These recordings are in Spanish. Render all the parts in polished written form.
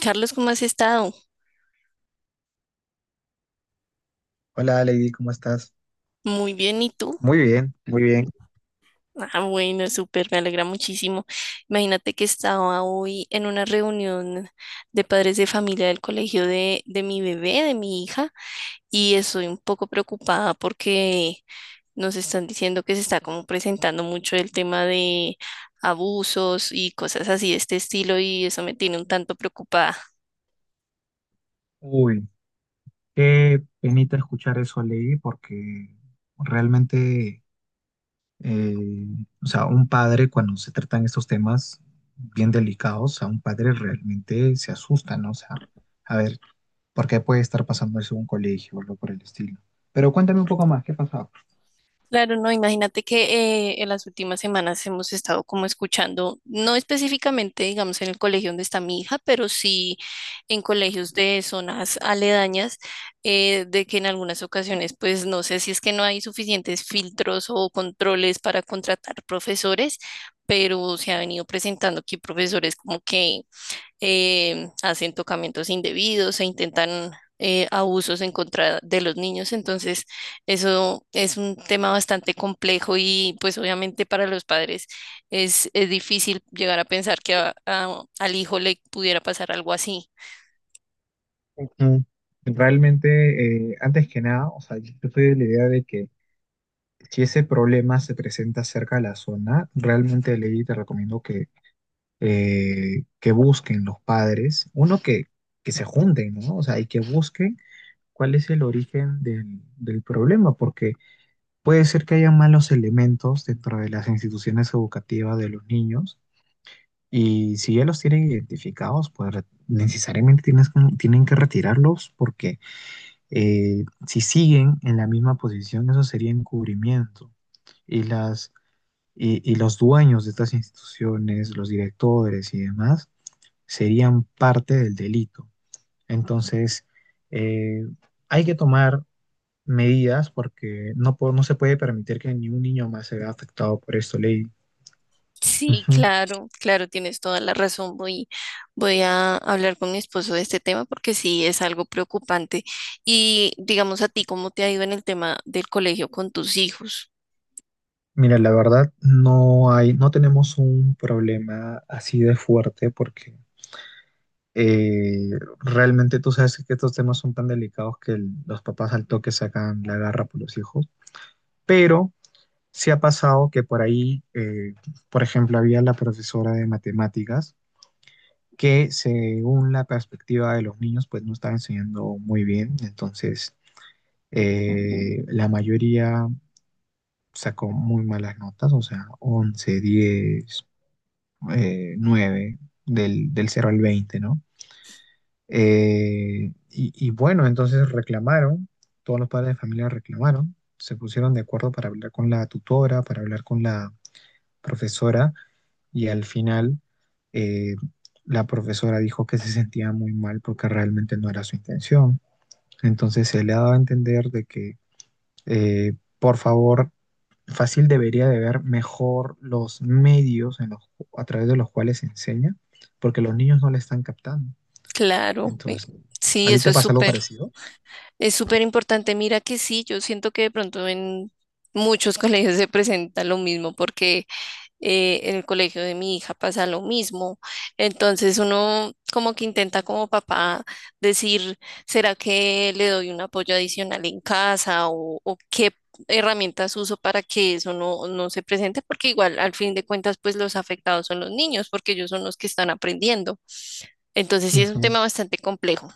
Carlos, ¿cómo has estado? Hola Lady, ¿cómo estás? Muy bien, ¿y tú? Muy bien, muy bien. Ah, bueno, súper, me alegra muchísimo. Imagínate que estaba hoy en una reunión de padres de familia del colegio de mi bebé, de mi hija, y estoy un poco preocupada porque nos están diciendo que se está como presentando mucho el tema de abusos y cosas así de este estilo, y eso me tiene un tanto preocupada. Uy, qué penita escuchar eso, Ley, porque realmente, eh, o sea, un padre cuando se tratan estos temas bien delicados, a un padre realmente se asusta, ¿no? O sea, a ver, ¿por qué puede estar pasando eso en un colegio o algo por el estilo? Pero cuéntame un poco más, ¿qué pasaba? Claro, no, imagínate que en las últimas semanas hemos estado como escuchando, no específicamente, digamos, en el colegio donde está mi hija, pero sí en colegios de zonas aledañas, de que en algunas ocasiones, pues no sé si es que no hay suficientes filtros o controles para contratar profesores, pero se ha venido presentando aquí profesores como que hacen tocamientos indebidos e intentan abusos en contra de los niños. Entonces, eso es un tema bastante complejo y pues obviamente para los padres es difícil llegar a pensar que al hijo le pudiera pasar algo así. Mm, Realmente, antes que nada, o sea, yo estoy de la idea de que si ese problema se presenta cerca de la zona, realmente Lady te recomiendo que busquen los padres, uno que se junten, ¿no? O sea, y que busquen cuál es el origen del problema, porque puede ser que haya malos elementos dentro de las instituciones educativas de los niños, y si ya los tienen identificados, pues necesariamente tienen que retirarlos, porque si siguen en la misma posición, eso sería encubrimiento. Y las y los dueños de estas instituciones, los directores y demás, serían parte del delito. Entonces, eh, hay que tomar medidas porque no se puede permitir que ni un niño más se vea afectado por esto, ley. Sí, Ujú. claro, claro, tienes toda la razón. Voy a hablar con mi esposo de este tema porque sí es algo preocupante. Y digamos a ti, ¿cómo te ha ido en el tema del colegio con tus hijos? Mira, la verdad, no tenemos un problema así de fuerte porque eh, realmente tú sabes que estos temas son tan delicados que los papás al toque sacan la garra por los hijos, pero sí ha pasado que por ahí, por ejemplo, había la profesora de matemáticas que según la perspectiva de los niños, pues no estaba enseñando muy bien. Entonces, la mayoría sacó muy malas notas, o sea, 11 10 9, del 0 al 20, ¿no? Y bueno, entonces reclamaron, todos los padres de familia reclamaron, se pusieron de acuerdo para hablar con la tutora, para hablar con la profesora y al final eh, la profesora dijo que se sentía muy mal porque realmente no era su intención. Entonces se le ha dado a entender de que, por favor, fácil debería de ver mejor los medios a través de los cuales se enseña, porque los niños no le están captando. Claro, Entonces, ¿a sí, ti eso te es pasa algo súper, parecido? es súper importante. Mira que sí, yo siento que de pronto en muchos colegios se presenta lo mismo porque en el colegio de mi hija pasa lo mismo. Entonces uno como que intenta como papá decir, ¿será que le doy un apoyo adicional en casa o qué herramientas uso para que eso no se presente? Porque igual al fin de cuentas pues los afectados son los niños porque ellos son los que están aprendiendo. Entonces sí es un Ujú. tema bastante complejo.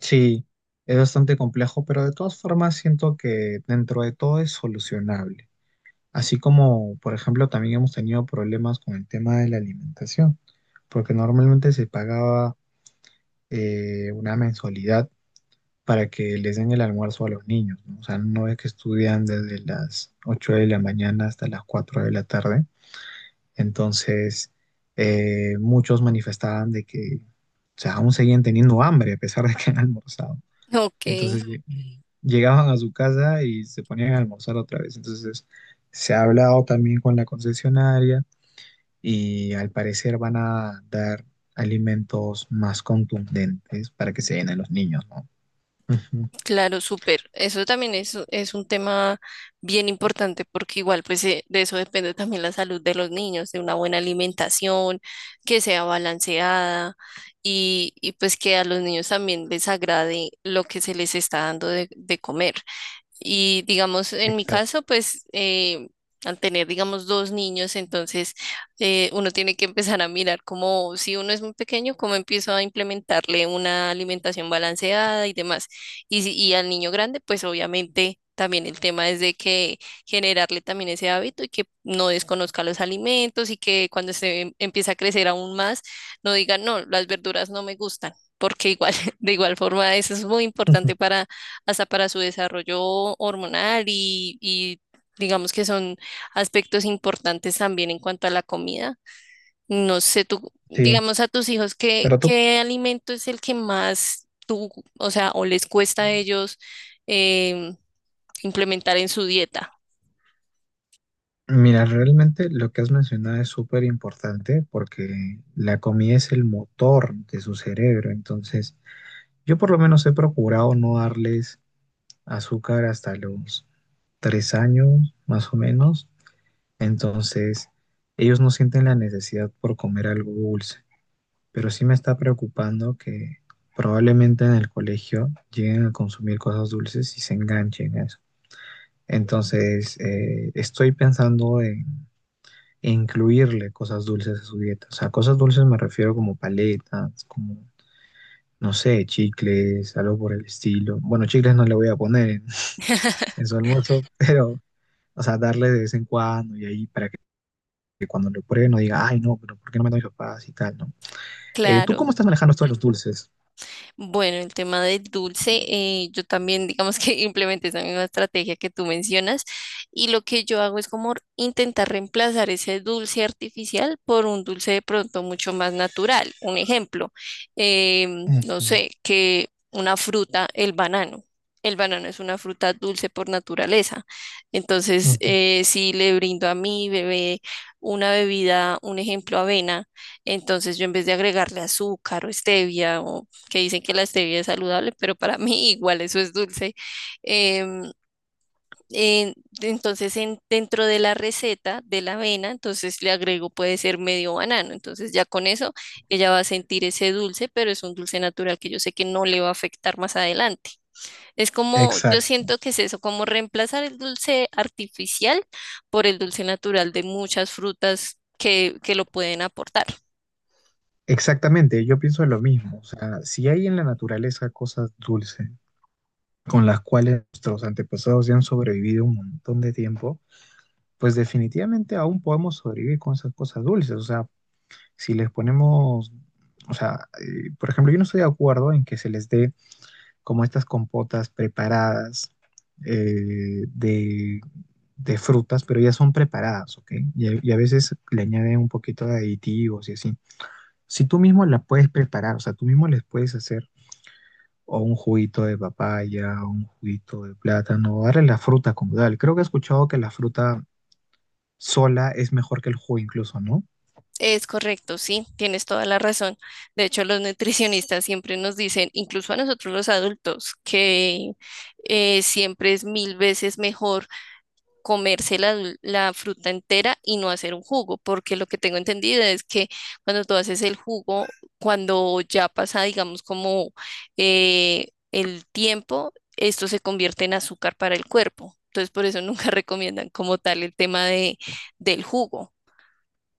Sí, es bastante complejo, pero de todas formas siento que dentro de todo es solucionable. Así como, por ejemplo, también hemos tenido problemas con el tema de la alimentación, porque normalmente se pagaba una mensualidad para que les den el almuerzo a los niños, ¿no? O sea, no es que estudian desde las 8 de la mañana hasta las 4 de la tarde. Entonces, muchos manifestaban de que, o sea, aún seguían teniendo hambre a pesar de que han almorzado. Ok. Entonces, llegaban a su casa y se ponían a almorzar otra vez. Entonces, se ha hablado también con la concesionaria y al parecer van a dar alimentos más contundentes para que se den a los niños, ¿no? Ujú. Claro, súper. Eso también es un tema bien importante porque igual pues de eso depende también la salud de los niños, de una buena alimentación, que sea balanceada y pues que a los niños también les agrade lo que se les está dando de comer. Y digamos, en mi Exacto. caso, pues al tener, digamos, dos niños, entonces uno tiene que empezar a mirar cómo, si uno es muy pequeño, cómo empiezo a implementarle una alimentación balanceada y demás. Y, si- y al niño grande, pues obviamente también el tema es de que generarle también ese hábito y que no desconozca los alimentos y que cuando se empieza a crecer aún más, no diga, no, las verduras no me gustan, porque igual, de igual forma, eso es muy importante para hasta para su desarrollo hormonal y digamos que son aspectos importantes también en cuanto a la comida. No sé, tú, Sí, digamos a tus hijos, ¿qué, pero tú, qué alimento es el que más tú, o sea, o les cuesta a ellos em, implementar en su dieta? mira, realmente lo que has mencionado es súper importante porque la comida es el motor de su cerebro, entonces yo por lo menos he procurado no darles azúcar hasta los 3 años, más o menos, entonces ellos no sienten la necesidad por comer algo dulce. Pero sí me está preocupando que probablemente en el colegio lleguen a consumir cosas dulces y se enganchen a eso. Entonces, estoy pensando en incluirle cosas dulces a su dieta. O sea, cosas dulces me refiero como paletas, como, no sé, chicles, algo por el estilo. Bueno, chicles no le voy a poner en, en su almuerzo, pero, o sea, darle de vez en cuando y ahí para que cuando lo pruebe no diga, ay, no, pero ¿por qué no me dan mis papás y tal, ¿no? ¿Tú cómo Claro. estás manejando esto de los dulces? Bueno, el tema del dulce, yo también digamos que implementé esa misma estrategia que tú mencionas y lo que yo hago es como intentar reemplazar ese dulce artificial por un dulce de pronto mucho más natural. Un ejemplo, no Ujú, sé, que una fruta, el banano. El banano es una fruta dulce por naturaleza. Entonces, ujú. Si le brindo a mi bebé una bebida, un ejemplo, avena, entonces yo en vez de agregarle azúcar o stevia o que dicen que la stevia es saludable, pero para mí igual eso es dulce. Em, en- entonces, dentro de la receta de la avena, entonces le agrego puede ser medio banano. Entonces ya con eso ella va a sentir ese dulce, pero es un dulce natural que yo sé que no le va a afectar más adelante. Es como, yo Exact, siento que es eso, como reemplazar el dulce artificial por el dulce natural de muchas frutas que lo pueden aportar. exactamente, yo pienso lo mismo. O sea, si hay en la naturaleza cosas dulces con las cuales nuestros antepasados ya han sobrevivido un montón de tiempo, pues definitivamente aún podemos sobrevivir con esas cosas dulces. O sea, si les ponemos, o sea, por ejemplo, yo no estoy de acuerdo en que se les dé como estas compotas preparadas eh, de, de frutas, pero ya son preparadas, ¿ok? Y a veces le añaden un poquito de aditivos y así. Si tú mismo la puedes preparar, o sea, tú mismo les puedes hacer o un juguito de papaya, o un juguito de plátano, darle la fruta como tal. Creo que he escuchado que la fruta sola es mejor que el jugo incluso, ¿no? Es correcto, sí, tienes toda la razón. De hecho, los nutricionistas siempre nos dicen, incluso a nosotros los adultos, que siempre es mil veces mejor comerse la fruta entera y no hacer un jugo, porque lo que tengo entendido es que cuando tú haces el jugo, cuando ya pasa, digamos, como el tiempo, esto se convierte en azúcar para el cuerpo. Entonces, por eso nunca recomiendan como tal el tema del jugo.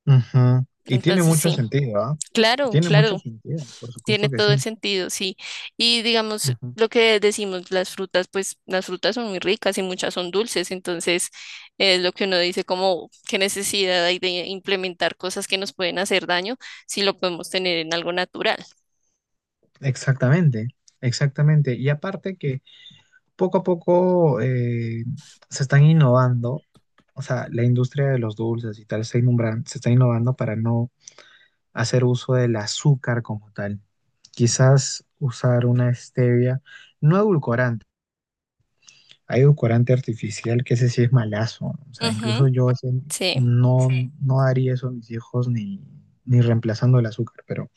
Ujú. Y tiene Entonces, mucho sí. sentido, ¿ah? Claro, Tiene mucho claro, sentido, por tiene supuesto que todo el sí. sentido, sí. Y digamos, Ujú. lo que decimos, las frutas, pues las frutas son muy ricas y muchas son dulces, entonces es lo que uno dice como qué necesidad hay de implementar cosas que nos pueden hacer daño si lo podemos tener en algo natural. Exactamente, exactamente. Y aparte que poco a poco se están innovando, o sea, la industria de los dulces y tal se está innovando para no hacer uso del azúcar como tal. Quizás usar una stevia, no edulcorante, hay edulcorante artificial que ese sí es malazo. O sea, incluso Ujú, yo ese sí. no, sí, no daría eso a mis hijos ni, reemplazando el azúcar, pero,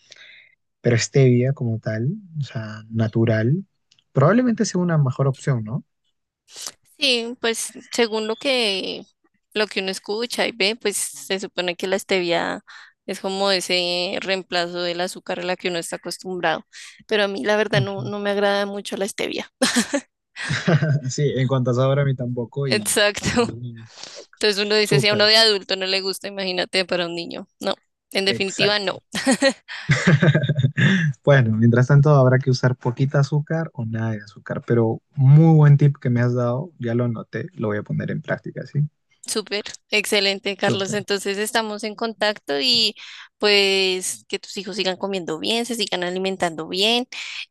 pero stevia como tal, o sea, natural, probablemente sea una mejor opción, ¿no? Sí, pues según lo que uno escucha y ve, pues se supone que la stevia es como ese reemplazo del azúcar a la que uno está acostumbrado, pero a mí la verdad no, Ujú. no me agrada mucho la stevia. Sí, en cuanto a sabor a mí tampoco y a mis Exacto. niños tampoco. Entonces uno dice, si a uno Súper. de adulto no le gusta, imagínate para un niño. No, en definitiva Exacto. no. Bueno, mientras tanto habrá que usar poquita azúcar o nada de azúcar, pero muy buen tip que me has dado, ya lo anoté, lo voy a poner en práctica, ¿sí? Súper, excelente, Carlos. Súper. Entonces estamos en contacto y pues que tus hijos sigan comiendo bien, se sigan alimentando bien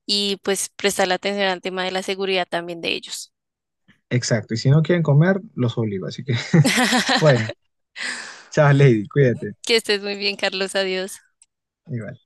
y pues prestar la atención al tema de la seguridad también de ellos. Exacto, y si no quieren comer, los obligo, así que bueno, chao Lady, cuídate. Que estés muy bien, Carlos. Adiós. Igual.